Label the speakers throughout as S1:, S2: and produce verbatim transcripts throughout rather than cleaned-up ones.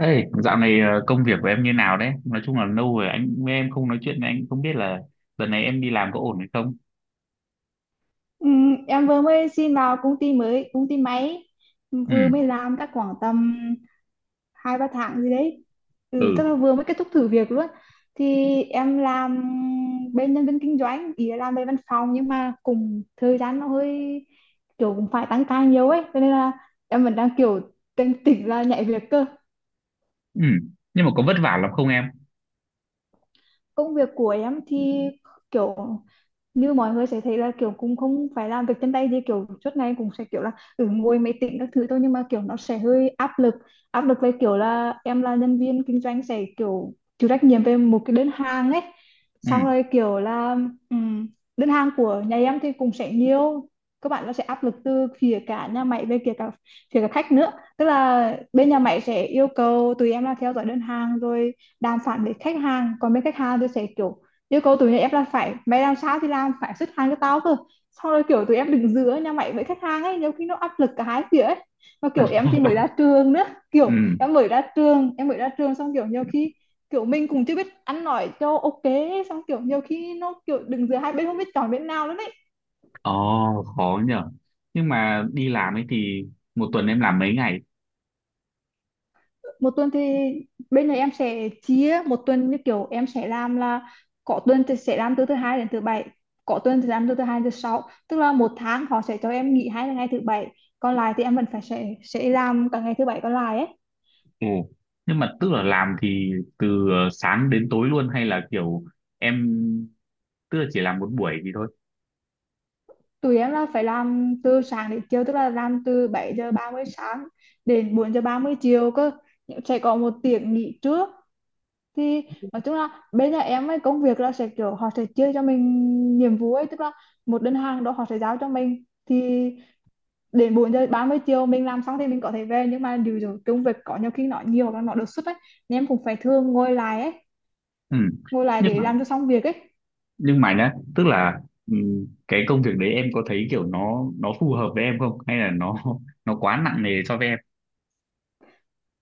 S1: Ê, dạo này ờ, công việc của em như nào đấy? Nói chung là lâu rồi anh với em không nói chuyện, với anh cũng không biết là lần này em đi làm có ổn hay không?
S2: Ừ, em vừa mới xin vào công ty mới, công ty máy
S1: Ừ,
S2: vừa mới làm chắc khoảng tầm hai ba tháng gì đấy. Ừ, chắc
S1: ừ,
S2: là vừa mới kết thúc thử việc luôn. Thì em làm bên nhân viên kinh doanh, ý là làm bên văn phòng nhưng mà cùng thời gian nó hơi kiểu cũng phải tăng ca nhiều ấy, cho nên là em vẫn đang kiểu tỉnh tỉnh là nhảy việc cơ.
S1: ừ. Nhưng mà có vất vả lắm không em?
S2: Công việc của em thì kiểu như mọi người sẽ thấy là kiểu cũng không phải làm việc chân tay gì, kiểu suốt ngày cũng sẽ kiểu là ừ, ngồi máy tính các thứ thôi, nhưng mà kiểu nó sẽ hơi áp lực. Áp lực về kiểu là em là nhân viên kinh doanh sẽ kiểu chịu trách nhiệm về một cái đơn hàng ấy,
S1: Ừ.
S2: xong rồi kiểu là ừm, đơn hàng của nhà em thì cũng sẽ nhiều. Các bạn nó sẽ áp lực từ phía cả nhà máy, về phía cả phía cả khách nữa. Tức là bên nhà máy sẽ yêu cầu tụi em là theo dõi đơn hàng, rồi đàm phán với khách hàng, còn bên khách hàng thì sẽ kiểu yêu cầu tụi này em là phải mày làm sao thì làm, phải xuất hàng cho tao cơ. Sau rồi kiểu tụi em đứng giữa nhà mày với khách hàng ấy, nhiều khi nó áp lực cả hai phía ấy, mà kiểu em thì mới ra trường nữa. Kiểu
S1: Ừ.
S2: em mới ra trường em mới ra trường xong kiểu nhiều khi, kiểu mình cũng chưa biết ăn nói cho ok, xong kiểu nhiều khi nó kiểu đứng giữa hai bên không biết chọn bên nào nữa đấy.
S1: Ồ, khó nhở. Nhưng mà đi làm ấy thì một tuần em làm mấy ngày?
S2: Một tuần thì bên này em sẽ chia một tuần như kiểu em sẽ làm là có tuần thì sẽ làm từ thứ hai đến thứ bảy, có tuần thì làm từ thứ hai đến thứ sáu. Tức là một tháng họ sẽ cho em nghỉ hai ngày thứ bảy, còn lại thì em vẫn phải sẽ sẽ làm cả ngày thứ bảy còn lại ấy.
S1: Ồ. Nhưng mà tức là làm thì từ ờ, sáng đến tối luôn hay là kiểu em, tức là chỉ làm một buổi thì thôi?
S2: Tụi em là phải làm từ sáng đến chiều, tức là làm từ bảy giờ ba mươi sáng đến bốn giờ ba mươi chiều cơ, sẽ có một tiếng nghỉ trước. Thì nói chung là bên nhà em ấy, công việc là sẽ kiểu họ sẽ chia cho mình nhiệm vụ ấy, tức là một đơn hàng đó họ sẽ giao cho mình thì đến bốn giờ ba mươi chiều mình làm xong thì mình có thể về, nhưng mà điều rồi công việc có nhiều khi nó nhiều và nó đột xuất ấy, nên em cũng phải thường ngồi lại ấy,
S1: Ừ.
S2: ngồi lại
S1: Nhưng
S2: để
S1: mà
S2: làm cho xong việc ấy.
S1: nhưng mà nhá, tức là ừm, cái công việc đấy em có thấy kiểu nó nó phù hợp với em không, hay là nó nó quá nặng nề cho với em?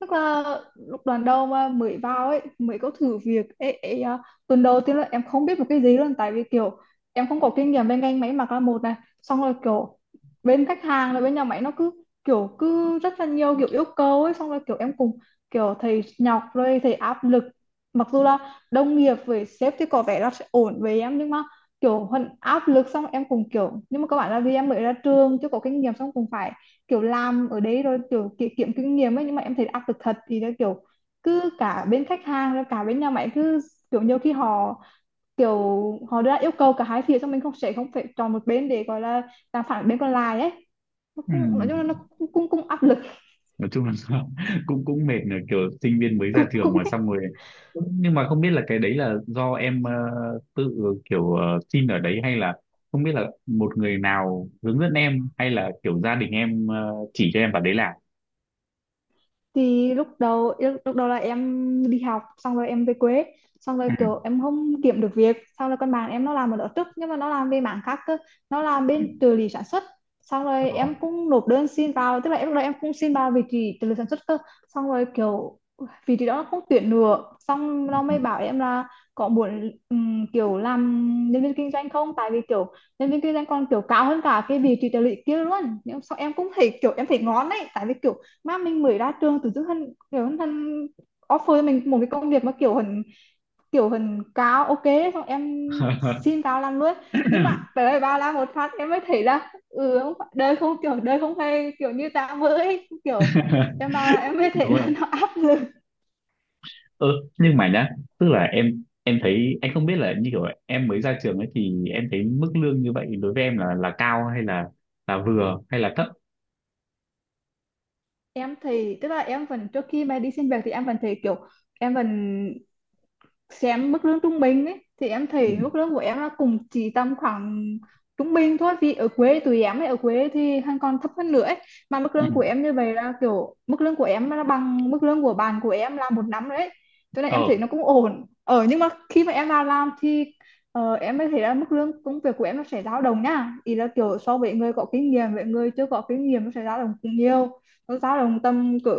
S2: Tức là lúc đoàn đầu mà mới vào ấy, mới có thử việc ấy, ấy, à, tuần đầu tiên là em không biết một cái gì luôn, tại vì kiểu em không có kinh nghiệm bên ngành máy mặc là một này. Xong rồi kiểu bên khách hàng là bên nhà máy nó cứ kiểu cứ rất là nhiều kiểu yêu cầu ấy, xong rồi kiểu em cùng kiểu thầy nhọc rồi thầy áp lực, mặc dù là đồng nghiệp với sếp thì có vẻ là sẽ ổn với em, nhưng mà kiểu vẫn áp lực. Xong em cùng kiểu nhưng mà các bạn là vì em mới ra trường chưa có kinh nghiệm, xong cùng phải kiểu làm ở đấy rồi kiểu ki- kiếm kinh nghiệm ấy. Nhưng mà em thấy áp lực thật thì là kiểu cứ cả bên khách hàng rồi cả bên nhà máy cứ kiểu nhiều khi họ kiểu họ đưa ra yêu cầu cả hai phía, xong mình không sẽ không phải chọn một bên để gọi là làm phản bên còn lại ấy. Nó cũng nói chung là nó
S1: Ừm,
S2: cũng cũng, cũng áp lực.
S1: nói chung là cũng cũng mệt nữa, kiểu sinh viên mới ra
S2: cũng
S1: trường
S2: cũng
S1: mà, xong rồi nhưng mà không biết là cái đấy là do em ờ, tự kiểu ờ, xin ở đấy, hay là không biết là một người nào hướng dẫn em, hay là kiểu gia đình em ờ, chỉ cho em vào đấy làm?
S2: thì lúc đầu lúc, lúc đầu là em đi học xong rồi em về quê, xong rồi
S1: Ừm,
S2: kiểu em không kiếm được việc, xong rồi con bạn em nó làm ở đó trước nhưng mà nó làm về mảng khác cơ, nó làm
S1: ừm,
S2: bên trợ lý sản xuất. Xong rồi em cũng nộp đơn xin vào, tức là em lúc đó em cũng xin vào vị trí trợ lý sản xuất cơ, xong rồi kiểu vị trí đó nó không tuyển nữa, xong nó
S1: ừ.
S2: mới bảo em là có muốn ừm, kiểu làm nhân viên kinh doanh không, tại vì kiểu nhân viên kinh doanh còn kiểu cao hơn cả cái vị trí trợ lý kia luôn. Nhưng sau em cũng thấy kiểu em thấy ngon đấy, tại vì kiểu mà mình mới ra trường tự dưng hắn kiểu hắn, hắn offer cho mình một cái công việc mà kiểu hình, kiểu hình cao ok, xong em xin cao làm luôn. Nhưng mà tới đây ba la một phát em mới thấy là ừ không phải- đời không kiểu đời không phải kiểu như ta với kiểu em ba là em mới thấy
S1: Đúng
S2: là
S1: rồi.
S2: nó áp lực.
S1: Ừ, nhưng mà nhá, tức là em em thấy, anh không biết là như kiểu em mới ra trường ấy, thì em thấy mức lương như vậy đối với em là là cao, hay là là vừa, hay là thấp?
S2: Em thì tức là em vẫn trước khi mà đi xin việc thì em vẫn thấy kiểu em vẫn xem mức lương trung bình ấy, thì em
S1: Ừ.
S2: thấy mức lương của em nó cũng chỉ tầm khoảng trung bình thôi, vì ở quê tụi em ấy ở quê thì hắn còn thấp hơn nữa ấy. Mà mức
S1: Ừ.
S2: lương của em như vậy là kiểu mức lương của em nó bằng mức lương của bạn của em là một năm đấy, cho nên em thấy
S1: Ờ,
S2: nó cũng ổn ở, nhưng mà khi mà em vào làm thì ờ, em mới thấy là mức lương công việc của em nó sẽ dao động nha, ý là kiểu so với người có kinh nghiệm với người chưa có kinh nghiệm nó sẽ dao động cũng nhiều, nó dao động tầm cỡ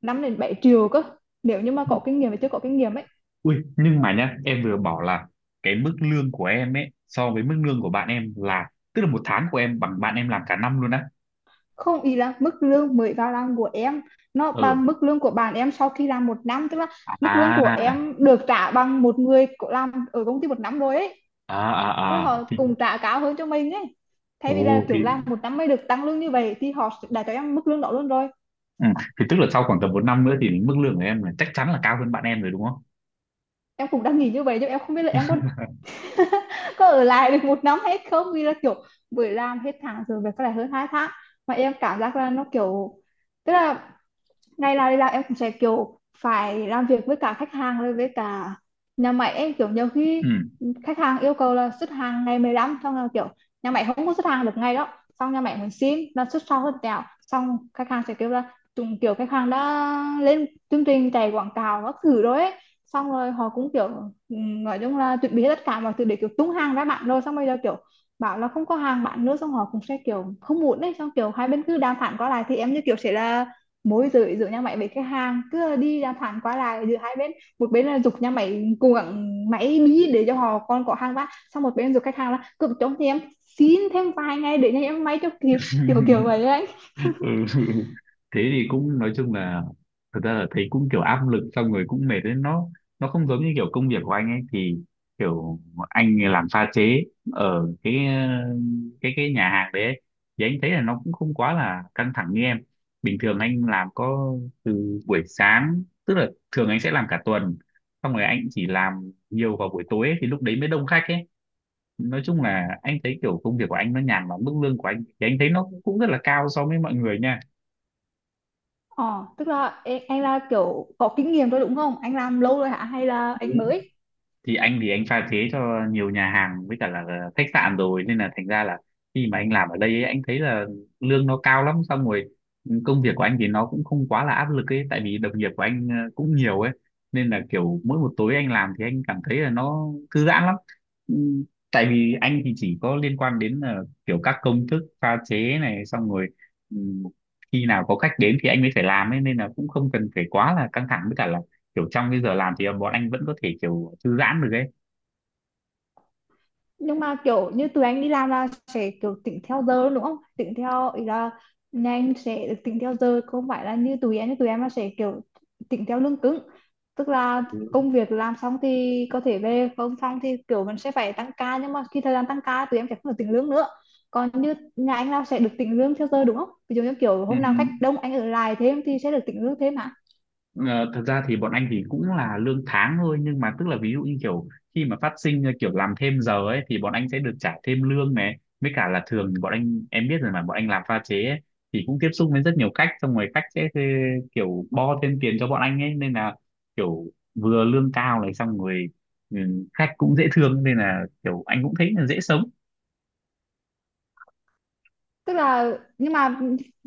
S2: năm đến bảy triệu cơ nếu như mà có kinh nghiệm và chưa có kinh nghiệm ấy.
S1: ui nhưng mà nhá, em vừa bảo là cái mức lương của em ấy so với mức lương của bạn em, là tức là một tháng của em bằng bạn em làm cả năm luôn á.
S2: Không, ý là mức lương mới vào làm của em nó
S1: Ừ.
S2: bằng mức lương của bạn em sau khi làm một năm, tức là mức lương của
S1: À,
S2: em được trả bằng một người có làm ở công ty một năm rồi ấy,
S1: à,
S2: tức là
S1: à, à
S2: họ
S1: thì
S2: cùng trả cao hơn cho mình ấy, thay vì là
S1: ồ thì
S2: kiểu làm một năm mới được tăng lương như vậy thì họ đã cho em mức lương đó luôn rồi.
S1: ừ. Thì tức là sau khoảng tầm một năm nữa thì mức lương của em là chắc chắn là cao hơn bạn em rồi đúng không?
S2: Em cũng đang nghĩ như vậy, nhưng em không biết là em có có ở lại được một năm hay không, vì là kiểu vừa làm hết tháng rồi về có lại hơn hai tháng mà em cảm giác là nó kiểu, tức là ngày nào đi làm em cũng sẽ kiểu phải làm việc với cả khách hàng rồi với cả nhà máy em, kiểu nhiều khi
S1: Ừ.
S2: khách hàng yêu cầu là xuất hàng ngày mười lăm, xong là kiểu nhà máy không có xuất hàng được ngay đó, xong nhà máy muốn xin là xuất sau hơn tẹo, xong khách hàng sẽ kêu là chúng kiểu khách hàng đã lên chương trình chạy quảng cáo các thứ rồi ấy. Xong rồi họ cũng kiểu ừm, nói chung là chuẩn bị hết tất cả mọi thứ để kiểu tung hàng ra bạn rồi, xong bây giờ kiểu bảo là không có hàng bạn nữa, xong họ cũng sẽ kiểu không muốn đấy, xong kiểu hai bên cứ đàm phán qua lại, thì em như kiểu sẽ là mối giữa giữa nhà máy với khách hàng, cứ đi đàm phán qua lại giữa hai bên, một bên là giục nhà máy cố gắng máy bí để cho họ còn có hàng bán, xong một bên giục khách hàng là cứ cho thì em xin thêm vài ngày để nhà em máy cho kịp, kiểu kiểu vậy ấy.
S1: Ừ. Thế thì cũng nói chung là thật ra là thấy cũng kiểu áp lực, xong rồi cũng mệt đấy. nó nó không giống như kiểu công việc của anh ấy thì kiểu anh làm pha chế ở cái cái cái nhà hàng đấy ấy. Thì anh thấy là nó cũng không quá là căng thẳng như em. Bình thường anh làm có từ buổi sáng, tức là thường anh sẽ làm cả tuần, xong rồi anh chỉ làm nhiều vào buổi tối ấy, thì lúc đấy mới đông khách ấy. Nói chung là anh thấy kiểu công việc của anh nó nhàn lắm, mức lương của anh thì anh thấy nó cũng rất là cao so với mọi người nha.
S2: ờ Tức là anh là kiểu có kinh nghiệm rồi đúng không, anh làm lâu rồi hả hay là
S1: Ừ.
S2: anh mới?
S1: Thì anh thì anh pha chế cho nhiều nhà hàng với cả là khách sạn rồi, nên là thành ra là khi mà anh làm ở đây ấy, anh thấy là lương nó cao lắm, xong rồi công việc của anh thì nó cũng không quá là áp lực ấy, tại vì đồng nghiệp của anh ờ, cũng nhiều ấy, nên là kiểu mỗi một tối anh làm thì anh cảm thấy là nó thư giãn lắm. Ừ, tại vì anh thì chỉ có liên quan đến là kiểu các công thức pha chế này, xong rồi ừ, khi nào có khách đến thì anh mới phải làm ấy, nên là cũng không cần phải quá là căng thẳng, với cả là kiểu trong cái giờ làm thì bọn anh vẫn có thể kiểu thư giãn được ấy.
S2: Nhưng mà kiểu như tụi anh đi làm là sẽ kiểu tính theo giờ luôn đúng không, tính theo ý là nhà anh sẽ được tính theo giờ, không phải là như tụi anh tụi em là sẽ kiểu tính theo lương cứng, tức là
S1: Ừ.
S2: công việc làm xong thì có thể về, không xong thì kiểu mình sẽ phải tăng ca, nhưng mà khi thời gian tăng ca tụi em sẽ không được tính lương nữa, còn như nhà anh là sẽ được tính lương theo giờ đúng không, ví dụ như kiểu hôm nào khách đông anh ở lại thêm thì sẽ được tính lương thêm hả?
S1: Ừm, ờ, thật ra thì bọn anh thì cũng là lương tháng thôi, nhưng mà tức là ví dụ như kiểu khi mà phát sinh ờ, kiểu làm thêm giờ ấy, thì bọn anh sẽ được trả thêm lương này, với cả là thường thì bọn anh, em biết rồi mà, bọn anh làm pha chế ấy, thì cũng tiếp xúc với rất nhiều khách, xong rồi khách sẽ thuê- kiểu bo thêm tiền cho bọn anh ấy, nên là kiểu vừa lương cao này xong rồi ừm, khách cũng dễ thương, nên là kiểu anh cũng thấy là dễ sống.
S2: Tức là, nhưng mà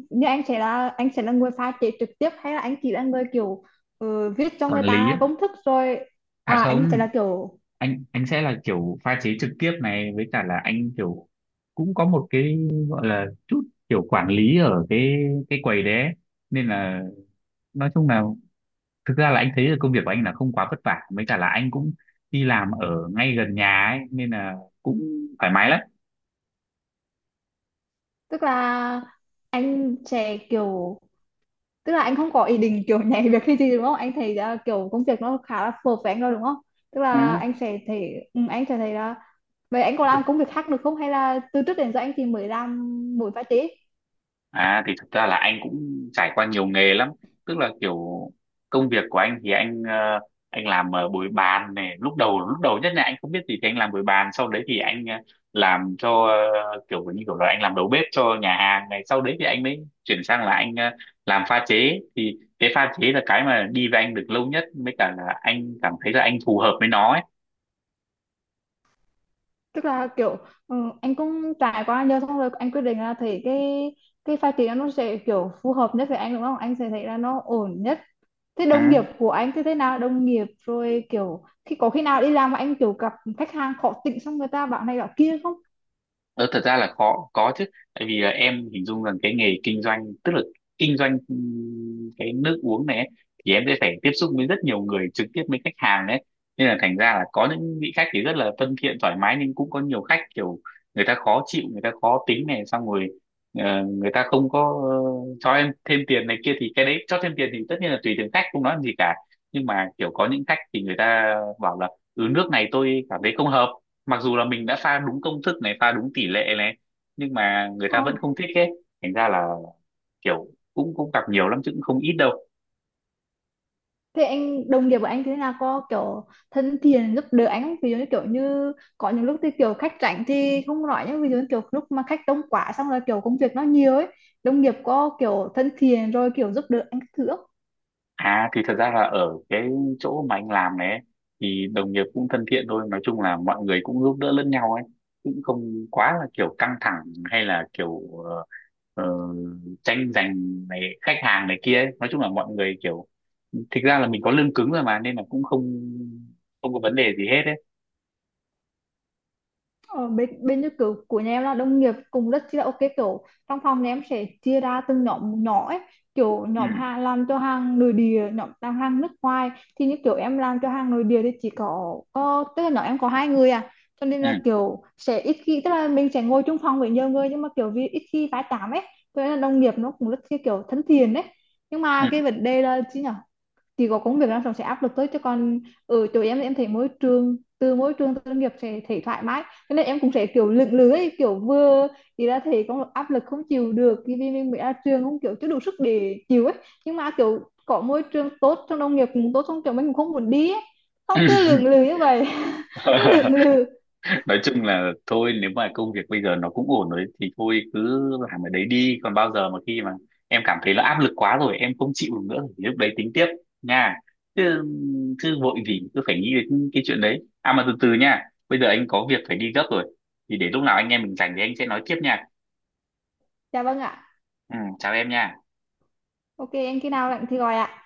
S2: như anh sẽ là anh sẽ là người pha chế trực tiếp hay là anh chỉ là người kiểu ờ, viết cho
S1: Quản
S2: người
S1: lý
S2: ta
S1: ấy.
S2: công thức rồi?
S1: À
S2: À anh sẽ
S1: không,
S2: là kiểu,
S1: anh anh sẽ là kiểu pha chế trực tiếp này, với cả là anh kiểu cũng có một cái gọi là chút kiểu quản lý ở cái cái quầy đấy ấy. Nên là nói chung là thực ra là anh thấy là công việc của anh là không quá vất vả, với cả là anh cũng đi làm ở ngay gần nhà ấy, nên là cũng thoải mái lắm.
S2: tức là anh sẽ kiểu, tức là anh không có ý định kiểu nhảy việc hay gì đúng không, anh thấy là kiểu công việc nó khá là phù hợp với anh rồi đúng không, tức là anh sẽ thấy ừ, anh sẽ thấy là vậy anh có
S1: Ừ.
S2: làm công việc khác được không hay là từ trước đến giờ anh thì mới làm mỗi pha chế?
S1: À thì thực ra là anh cũng trải qua nhiều nghề lắm, tức là kiểu công việc của anh thì anh ờ, anh làm ờ, bồi bàn này, lúc đầu lúc đầu nhất là anh không biết gì thì anh làm bồi bàn, sau đấy thì anh ờ, làm cho ờ, kiểu như kiểu là anh làm đầu bếp cho nhà hàng này, sau đấy thì anh mới chuyển sang là anh ờ, làm pha chế, thì cái pha chế là cái mà đi với anh được lâu nhất, mới cả là anh cảm thấy là anh phù hợp với nó ấy.
S2: Tức là kiểu ừ, anh cũng trải qua nhiều, xong rồi anh quyết định là thấy cái cái phát triển nó sẽ kiểu phù hợp nhất với anh đúng không, anh sẽ thấy là nó ổn nhất. Thế đồng nghiệp
S1: Ừ.
S2: của anh thì thế nào, đồng nghiệp rồi kiểu khi có khi nào đi làm mà anh kiểu gặp khách hàng khó tính xong người ta bảo này bảo kia không?
S1: Đó, thật ra là khó có chứ, tại vì là em hình dung rằng cái nghề kinh doanh, tức là kinh doanh ừm, cái nước uống này ấy, thì em sẽ phải tiếp xúc với rất nhiều người, trực tiếp với khách hàng đấy, nên là thành ra là có những vị khách thì rất là thân thiện thoải mái, nhưng cũng có nhiều khách kiểu người ta khó chịu, người ta khó tính này, xong rồi ờ, người ta không có ờ, cho em thêm tiền này kia, thì cái đấy cho thêm tiền thì tất nhiên là tùy từng khách, không nói làm gì cả. Nhưng mà kiểu có những khách thì người ta bảo là ừ nước này tôi cảm thấy không hợp, mặc dù là mình đã pha đúng công thức này, pha đúng tỷ lệ này, nhưng mà người ta
S2: Ờ.
S1: vẫn không thích ấy. Thành ra là kiểu cũng cũng gặp nhiều lắm chứ, cũng không ít đâu.
S2: Thế anh đồng nghiệp của anh thì thế nào, có kiểu thân thiện giúp đỡ anh không, ví dụ như kiểu như có những lúc thì kiểu khách rảnh thì không nói, nhưng ví dụ như kiểu lúc mà khách đông quá xong rồi kiểu công việc nó nhiều ấy, đồng nghiệp có kiểu thân thiện rồi kiểu giúp đỡ anh các thứ không?
S1: À thì thật ra là ở cái chỗ mà anh làm này ấy, thì đồng nghiệp cũng thân thiện thôi, nói chung là mọi người cũng giúp đỡ lẫn nhau ấy, cũng không quá là kiểu căng thẳng, hay là kiểu ờ, ờ, tranh giành này khách hàng này kia ấy. Nói chung là mọi người kiểu thực ra là mình có lương cứng rồi mà, nên là cũng không không có vấn đề gì hết ấy.
S2: Ở bên bên như kiểu của nhà em là đồng nghiệp cùng rất chi là ok, kiểu trong phòng nhà em sẽ chia ra từng nhóm nhỏ ấy, kiểu
S1: Ừ,
S2: nhóm hàng làm cho hàng nội địa, nhóm làm hàng nước ngoài. Thì như kiểu em làm cho hàng nội địa thì chỉ có có tức là nhóm em có hai người à, cho nên là
S1: ừ,
S2: kiểu sẽ ít khi, tức là mình sẽ ngồi chung phòng với nhiều người nhưng mà kiểu vì ít khi tái tám ấy, cho nên là đồng nghiệp nó cũng rất chi kiểu thân thiện đấy. Nhưng mà cái vấn đề là chứ nhở, thì có công việc làm xong sẽ áp lực tới cho con, ở chỗ em thì em thấy môi trường từ môi trường từ nghiệp sẽ thấy thoải mái, cho nên em cũng sẽ kiểu lưỡng lự, kiểu vừa thì ra thì có áp lực không chịu được khi vì mình mới ra trường không kiểu chưa đủ sức để chịu ấy, nhưng mà kiểu có môi trường tốt trong nông nghiệp cũng tốt trong trường mình cũng không muốn đi ấy. Không
S1: ừ.
S2: cứ lưỡng lự như vậy. Cứ lưỡng lự.
S1: Nói chung là thôi, nếu mà công việc bây giờ nó cũng ổn rồi thì thôi cứ làm ở đấy đi, còn bao giờ mà khi mà em cảm thấy là áp lực quá rồi, em không chịu được nữa, thì lúc đấy tính tiếp nha. Chứ, chứ vội gì cứ phải nghĩ đến cái chuyện đấy, à mà từ từ nha. Bây giờ anh có việc phải đi gấp rồi, thì để lúc nào anh em mình rảnh thì anh sẽ nói tiếp nha.
S2: Dạ vâng ạ.
S1: Ừ, chào em nha.
S2: Ok em khi nào lạnh thì gọi ạ.